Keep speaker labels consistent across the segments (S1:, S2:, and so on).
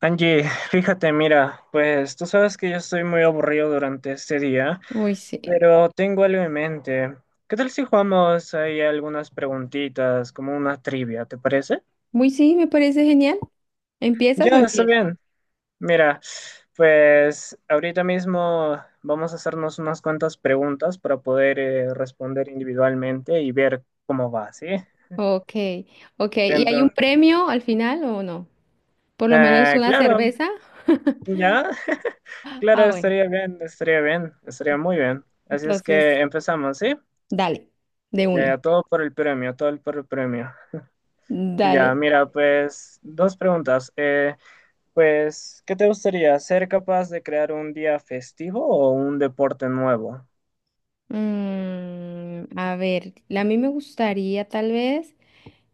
S1: Angie, fíjate, mira, pues tú sabes que yo estoy muy aburrido durante este día,
S2: Uy, sí.
S1: pero tengo algo en mente. ¿Qué tal si jugamos ahí algunas preguntitas, como una trivia, ¿te parece?
S2: Muy sí, me parece genial. ¿Empiezas o
S1: Ya, está
S2: empiezo?
S1: bien. Mira, pues ahorita mismo vamos a hacernos unas cuantas preguntas para poder responder individualmente y ver cómo va, ¿sí?
S2: Ok, ok. ¿Y hay un
S1: Entonces,
S2: premio al final o no? Por lo menos una
S1: claro,
S2: cerveza.
S1: ya, claro,
S2: Ah, bueno.
S1: estaría bien, estaría bien, estaría muy bien. Así es
S2: Entonces,
S1: que empezamos, ¿sí?
S2: dale, de
S1: Ya,
S2: una.
S1: ya, todo por el premio, todo por el premio. Ya,
S2: Dale.
S1: mira, pues dos preguntas. Pues, ¿qué te gustaría? ¿Ser capaz de crear un día festivo o un deporte nuevo?
S2: A ver, a mí me gustaría tal vez,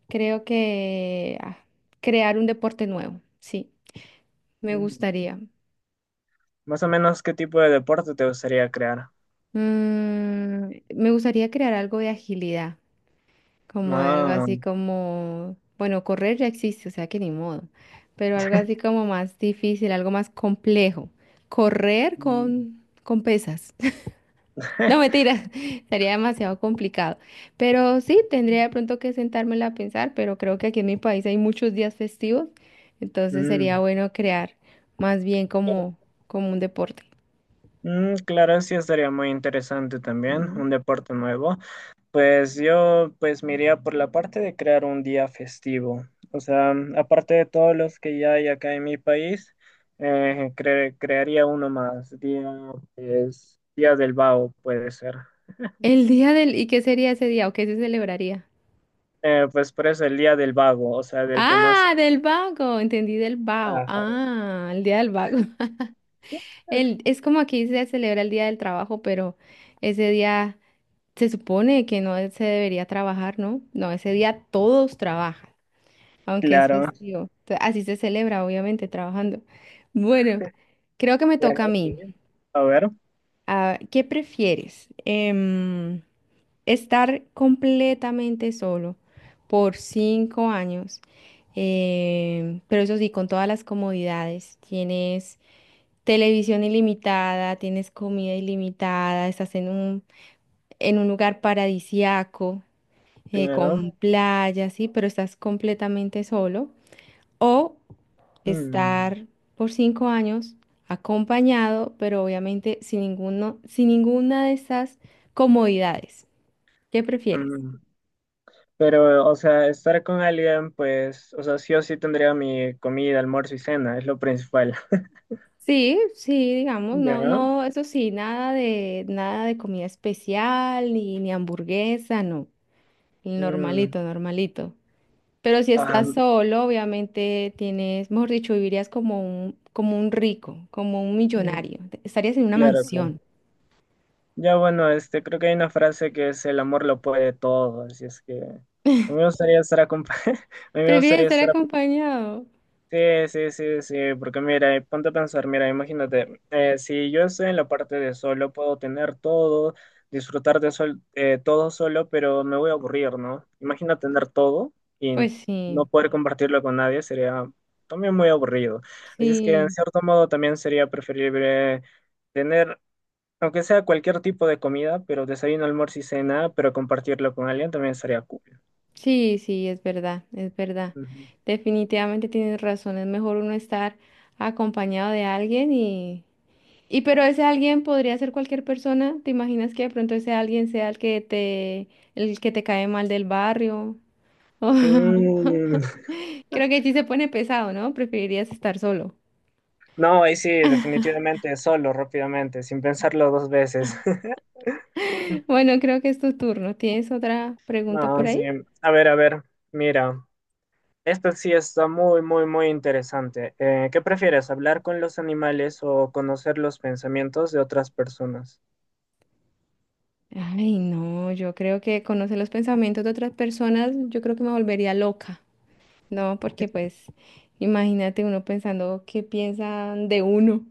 S2: creo que crear un deporte nuevo. Sí, me
S1: Mm,
S2: gustaría.
S1: más o menos, ¿qué tipo de deporte te gustaría crear?
S2: Me gustaría crear algo de agilidad. Como algo
S1: Ah,
S2: así como, bueno, correr ya existe, o sea que ni modo, pero algo así como más difícil, algo más complejo. Correr
S1: mm,
S2: con pesas. No, mentira, sería demasiado complicado. Pero sí, tendría de pronto que sentármela a pensar, pero creo que aquí en mi país hay muchos días festivos, entonces sería
S1: mm,
S2: bueno crear más bien
S1: claro.
S2: como, como un deporte.
S1: Mm, claro, sí estaría muy interesante también,
S2: Sí.
S1: un deporte nuevo. Pues yo pues me iría por la parte de crear un día festivo. O sea, aparte de todos los que ya hay acá en mi país, crearía uno más. Día, pues, Día del Vago puede ser.
S2: El día del, ¿y qué sería ese día o qué se celebraría?
S1: Pues por eso el Día del Vago, o sea, del que no hace
S2: Ah, del vago, entendí del vago.
S1: nada.
S2: Ah, el día del vago. El, es como aquí se celebra el día del trabajo, pero ese día se supone que no se debería trabajar, ¿no? No, ese día todos trabajan, aunque es
S1: Claro,
S2: festivo. Así se celebra, obviamente, trabajando. Bueno, creo que me
S1: bueno,
S2: toca a
S1: sí.
S2: mí.
S1: A ver,
S2: Ah, ¿qué prefieres? Estar completamente solo por 5 años, pero eso sí, con todas las comodidades. Tienes televisión ilimitada, tienes comida ilimitada, estás en un lugar paradisiaco, con
S1: claro.
S2: playa, sí, pero estás completamente solo. O
S1: Mm,
S2: estar por 5 años acompañado, pero obviamente sin ninguno, sin ninguna de estas comodidades. ¿Qué prefieres?
S1: mm. Pero, o sea, estar con alguien, pues, o sea, sí o sí tendría mi comida, almuerzo y cena, es lo principal.
S2: Sí, sí, digamos,
S1: ¿Ya?
S2: no, no, eso sí, nada de, nada de comida especial, ni, ni hamburguesa, no.
S1: Mm,
S2: Normalito, normalito. Pero si
S1: ajá,
S2: estás solo, obviamente tienes, mejor dicho, vivirías como un rico, como un
S1: mm,
S2: millonario. Estarías en una
S1: claro, claro.
S2: mansión.
S1: Ya bueno, este, creo que hay una frase que es el amor lo puede todo, así es que a mí me gustaría a mí me
S2: Prefieres
S1: gustaría
S2: estar
S1: estar.
S2: acompañado.
S1: Sí, sí, sí, sí, porque mira, ponte a pensar, mira, imagínate, si yo estoy en la parte de solo, puedo tener todo, disfrutar de sol, todo solo, pero me voy a aburrir, ¿no? Imagina tener todo y
S2: Pues
S1: no
S2: sí,
S1: poder compartirlo con nadie, sería también muy aburrido. Así es que, en
S2: sí,
S1: cierto modo, también sería preferible tener, aunque sea cualquier tipo de comida, pero desayuno, almuerzo y cena, pero compartirlo con alguien también sería cool.
S2: sí, sí, es verdad, es verdad.
S1: Ujú.
S2: Definitivamente tienes razón. Es mejor uno estar acompañado de alguien. Y pero ese alguien podría ser cualquier persona. ¿Te imaginas que de pronto ese alguien sea el que te cae mal del barrio?
S1: Mm.
S2: Creo que sí se pone pesado, ¿no? Preferirías estar solo.
S1: No, ahí sí, definitivamente, solo, rápidamente, sin pensarlo dos veces.
S2: Bueno, creo que es tu turno. ¿Tienes otra pregunta por
S1: No, sí.
S2: ahí?
S1: A ver, mira, esto sí está muy, muy, muy interesante. ¿Qué prefieres, hablar con los animales o conocer los pensamientos de otras personas?
S2: Ay, no, yo creo que conocer los pensamientos de otras personas, yo creo que me volvería loca, ¿no? Porque pues imagínate uno pensando qué piensan de uno.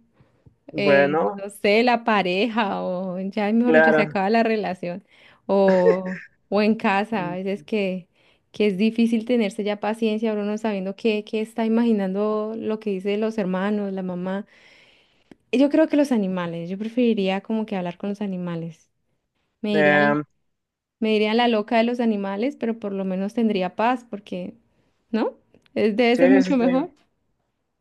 S1: Bueno,
S2: No sé, la pareja o ya, mejor dicho, se
S1: claro.
S2: acaba la relación o, o en casa, a
S1: Mm,
S2: veces que es difícil tenerse ya paciencia, uno no sabiendo qué está imaginando lo que dicen los hermanos, la mamá. Yo creo que los animales, yo preferiría como que hablar con los animales. Me dirían,
S1: eh,
S2: me dirían la loca de los animales, pero por lo menos tendría paz porque, ¿no? Debe
S1: sí,
S2: ser
S1: sí,
S2: mucho
S1: sí.
S2: mejor.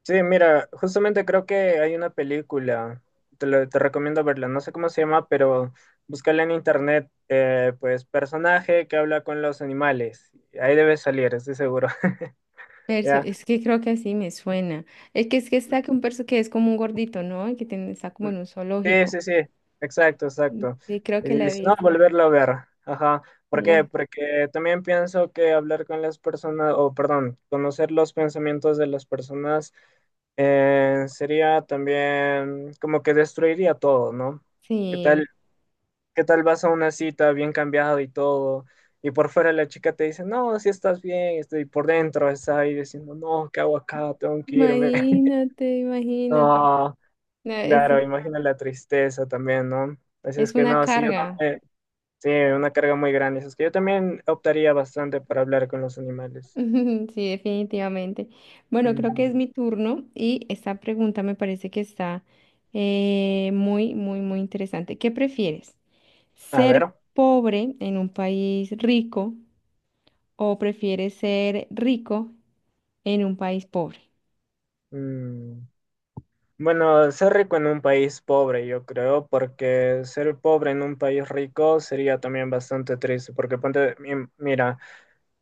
S1: Sí, mira, justamente creo que hay una película, te recomiendo verla, no sé cómo se llama, pero búscala en internet, pues personaje que habla con los animales, ahí debe salir, estoy seguro.
S2: Perso,
S1: ¿Ya?
S2: es que creo que así me suena. Es que está que un perso que es como un gordito, ¿no? Y que tiene, está como en un
S1: Sí,
S2: zoológico.
S1: sí, sí, exacto, exacto.
S2: Sí, creo
S1: Y
S2: que la he
S1: dice no,
S2: visto.
S1: volverlo a ver, ajá, ¿por qué?
S2: La,
S1: Porque también pienso que hablar con las personas, o perdón, conocer los pensamientos de las personas sería también como que destruiría todo, ¿no? ¿Qué
S2: sí.
S1: tal? ¿Qué tal vas a una cita bien cambiado y todo? Y por fuera la chica te dice, no, si estás bien, estoy por dentro, está ahí diciendo, no, ¿qué hago acá? Tengo que irme.
S2: Imagínate, imagínate.
S1: No,
S2: No,
S1: claro, imagina la tristeza también, ¿no? Así es
S2: es
S1: que
S2: una
S1: no, sí, yo
S2: carga.
S1: también, sí, una carga muy grande. Así es que yo también optaría bastante para hablar con los animales.
S2: Sí, definitivamente. Bueno, creo
S1: Ujú.
S2: que es mi turno y esta pregunta me parece que está muy, muy, muy interesante. ¿Qué prefieres?
S1: A
S2: ¿Ser
S1: ver.
S2: pobre en un país rico o prefieres ser rico en un país pobre?
S1: Mm. Bueno, ser rico en un país pobre, yo creo, porque ser pobre en un país rico sería también bastante triste, porque ponte, mira.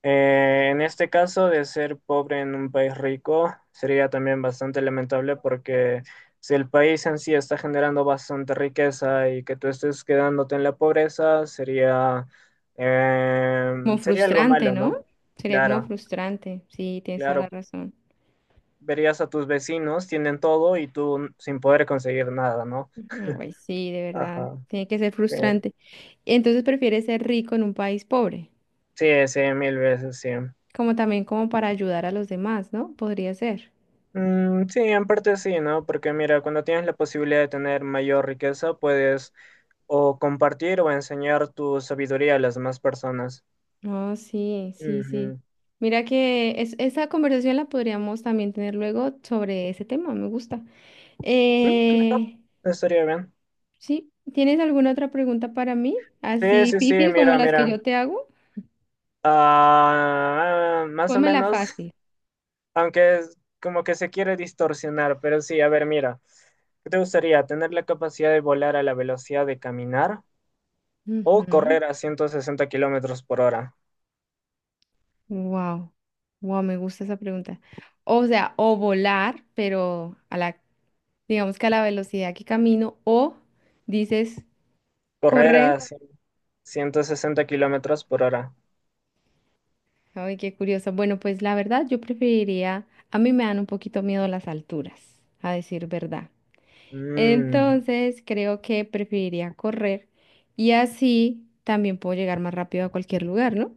S1: En este caso de ser pobre en un país rico sería también bastante lamentable porque si el país en sí está generando bastante riqueza y que tú estés quedándote en la pobreza sería, eh,
S2: Como
S1: sería algo
S2: frustrante,
S1: malo, ¿no?
S2: ¿no? Sería como
S1: Claro,
S2: frustrante. Sí, tienes toda la
S1: claro.
S2: razón.
S1: Verías a tus vecinos, tienen todo y tú sin poder conseguir nada, ¿no?
S2: Ujú. Ay, sí, de verdad.
S1: Ajá.
S2: Tiene que ser
S1: Sí,
S2: frustrante. Entonces prefieres ser rico en un país pobre,
S1: sí, sí, mil veces, sí.
S2: como también como para ayudar a los demás, ¿no? Podría ser.
S1: Mm, sí, en parte sí, ¿no? Porque mira, cuando tienes la posibilidad de tener mayor riqueza, puedes o compartir o enseñar tu sabiduría a las demás personas.
S2: Oh, sí, sí, sí.
S1: Ujú.
S2: Mira que esa conversación la podríamos también tener luego sobre ese tema, me gusta.
S1: Mm, claro,
S2: Eh,
S1: estaría bien.
S2: Sí, ¿tienes alguna otra pregunta para mí?
S1: Sí,
S2: Así
S1: sí, sí,
S2: difícil como
S1: mira,
S2: las que yo
S1: mira.
S2: te hago.
S1: Ah, más o
S2: Pónmela
S1: menos,
S2: fácil.
S1: aunque es como que se quiere distorsionar, pero sí, a ver, mira. ¿Qué te gustaría? ¿Tener la capacidad de volar a la velocidad de caminar o
S2: Ujú.
S1: correr a 160 kilómetros por hora?
S2: Wow. Wow, me gusta esa pregunta. O sea, o volar, pero a la, digamos que a la velocidad que camino, o dices
S1: Correr
S2: correr.
S1: a 160 kilómetros por hora.
S2: Ay, qué curioso. Bueno, pues la verdad, yo preferiría, a mí me dan un poquito miedo las alturas, a decir verdad.
S1: Mm,
S2: Entonces, creo que preferiría correr y así también puedo llegar más rápido a cualquier lugar, ¿no?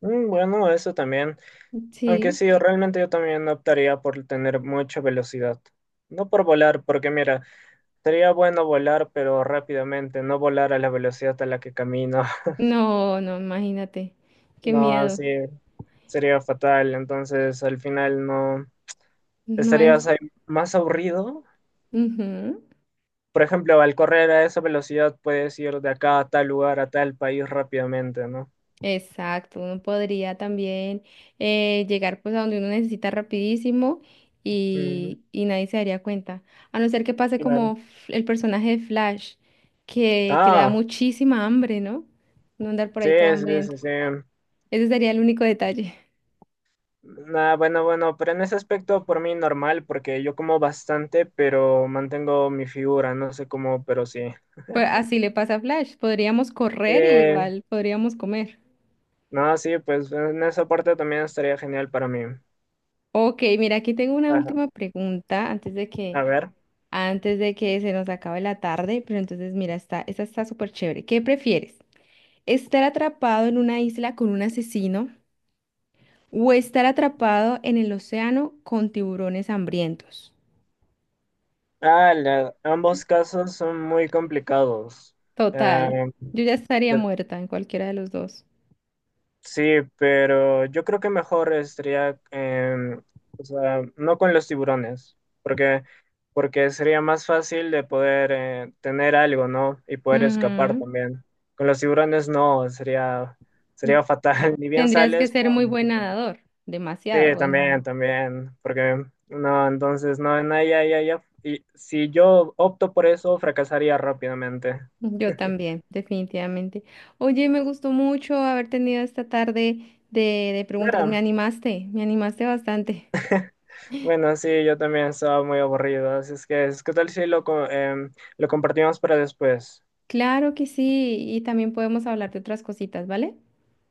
S1: mm, bueno, eso también. Aunque
S2: Sí,
S1: sí, realmente yo también optaría por tener mucha velocidad. No por volar, porque mira, sería bueno volar, pero rápidamente, no volar a la velocidad a la que camino.
S2: no, no, imagínate, qué
S1: No,
S2: miedo.
S1: así sería fatal. Entonces, al final no
S2: No es,
S1: estarías ahí más aburrido.
S2: ujú.
S1: Por ejemplo, al correr a esa velocidad puedes ir de acá a tal lugar, a tal país rápidamente, ¿no?
S2: Exacto, uno podría también llegar pues a donde uno necesita rapidísimo
S1: Mm,
S2: y nadie se daría cuenta, a no ser que pase
S1: claro.
S2: como el personaje de Flash, que le da
S1: Ah,
S2: muchísima hambre, ¿no? No andar por
S1: sí,
S2: ahí todo
S1: sí,
S2: hambriento.
S1: sí, sí.
S2: Ese sería el único detalle.
S1: Nah, bueno, bueno, pero en ese aspecto por mí normal, porque yo como bastante, pero mantengo mi figura, no sé cómo, pero sí.
S2: Pues así le pasa a Flash, podríamos
S1: Sí,
S2: correr y igual podríamos comer.
S1: no, sí, pues en esa parte también estaría genial para mí.
S2: Ok, mira, aquí tengo una
S1: Ajá.
S2: última pregunta antes de que
S1: A ver.
S2: antes de que se nos acabe la tarde, pero entonces mira, está, esta está súper chévere. ¿Qué prefieres? ¿Estar atrapado en una isla con un asesino o estar atrapado en el océano con tiburones hambrientos?
S1: Ah, ambos casos son muy complicados.
S2: Total,
S1: Eh,
S2: yo ya estaría muerta en cualquiera de los dos.
S1: Sí, pero yo creo que mejor estaría, o sea, no con los tiburones, porque, porque sería más fácil de poder tener algo, ¿no? Y poder escapar también. Con los tiburones no, sería, sería
S2: Ujú.
S1: fatal. Ni bien
S2: Tendrías que
S1: sales,
S2: ser muy
S1: pum.
S2: buen nadador,
S1: Sí,
S2: demasiado. Bueno,
S1: también, también, porque no, entonces no, no, ya, ya, ya. Y si yo opto por eso, fracasaría rápidamente.
S2: yo también, definitivamente. Oye, me gustó mucho haber tenido esta tarde de preguntas,
S1: Claro,
S2: me animaste bastante.
S1: bueno, sí, yo también estaba muy aburrido, así es que, ¿qué tal si lo, lo compartimos para después?
S2: Claro que sí, y también podemos hablar de otras cositas, ¿vale?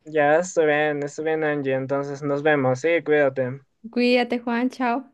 S1: Ya, estoy bien, Angie, entonces nos vemos, sí, cuídate.
S2: Cuídate, Juan, chao.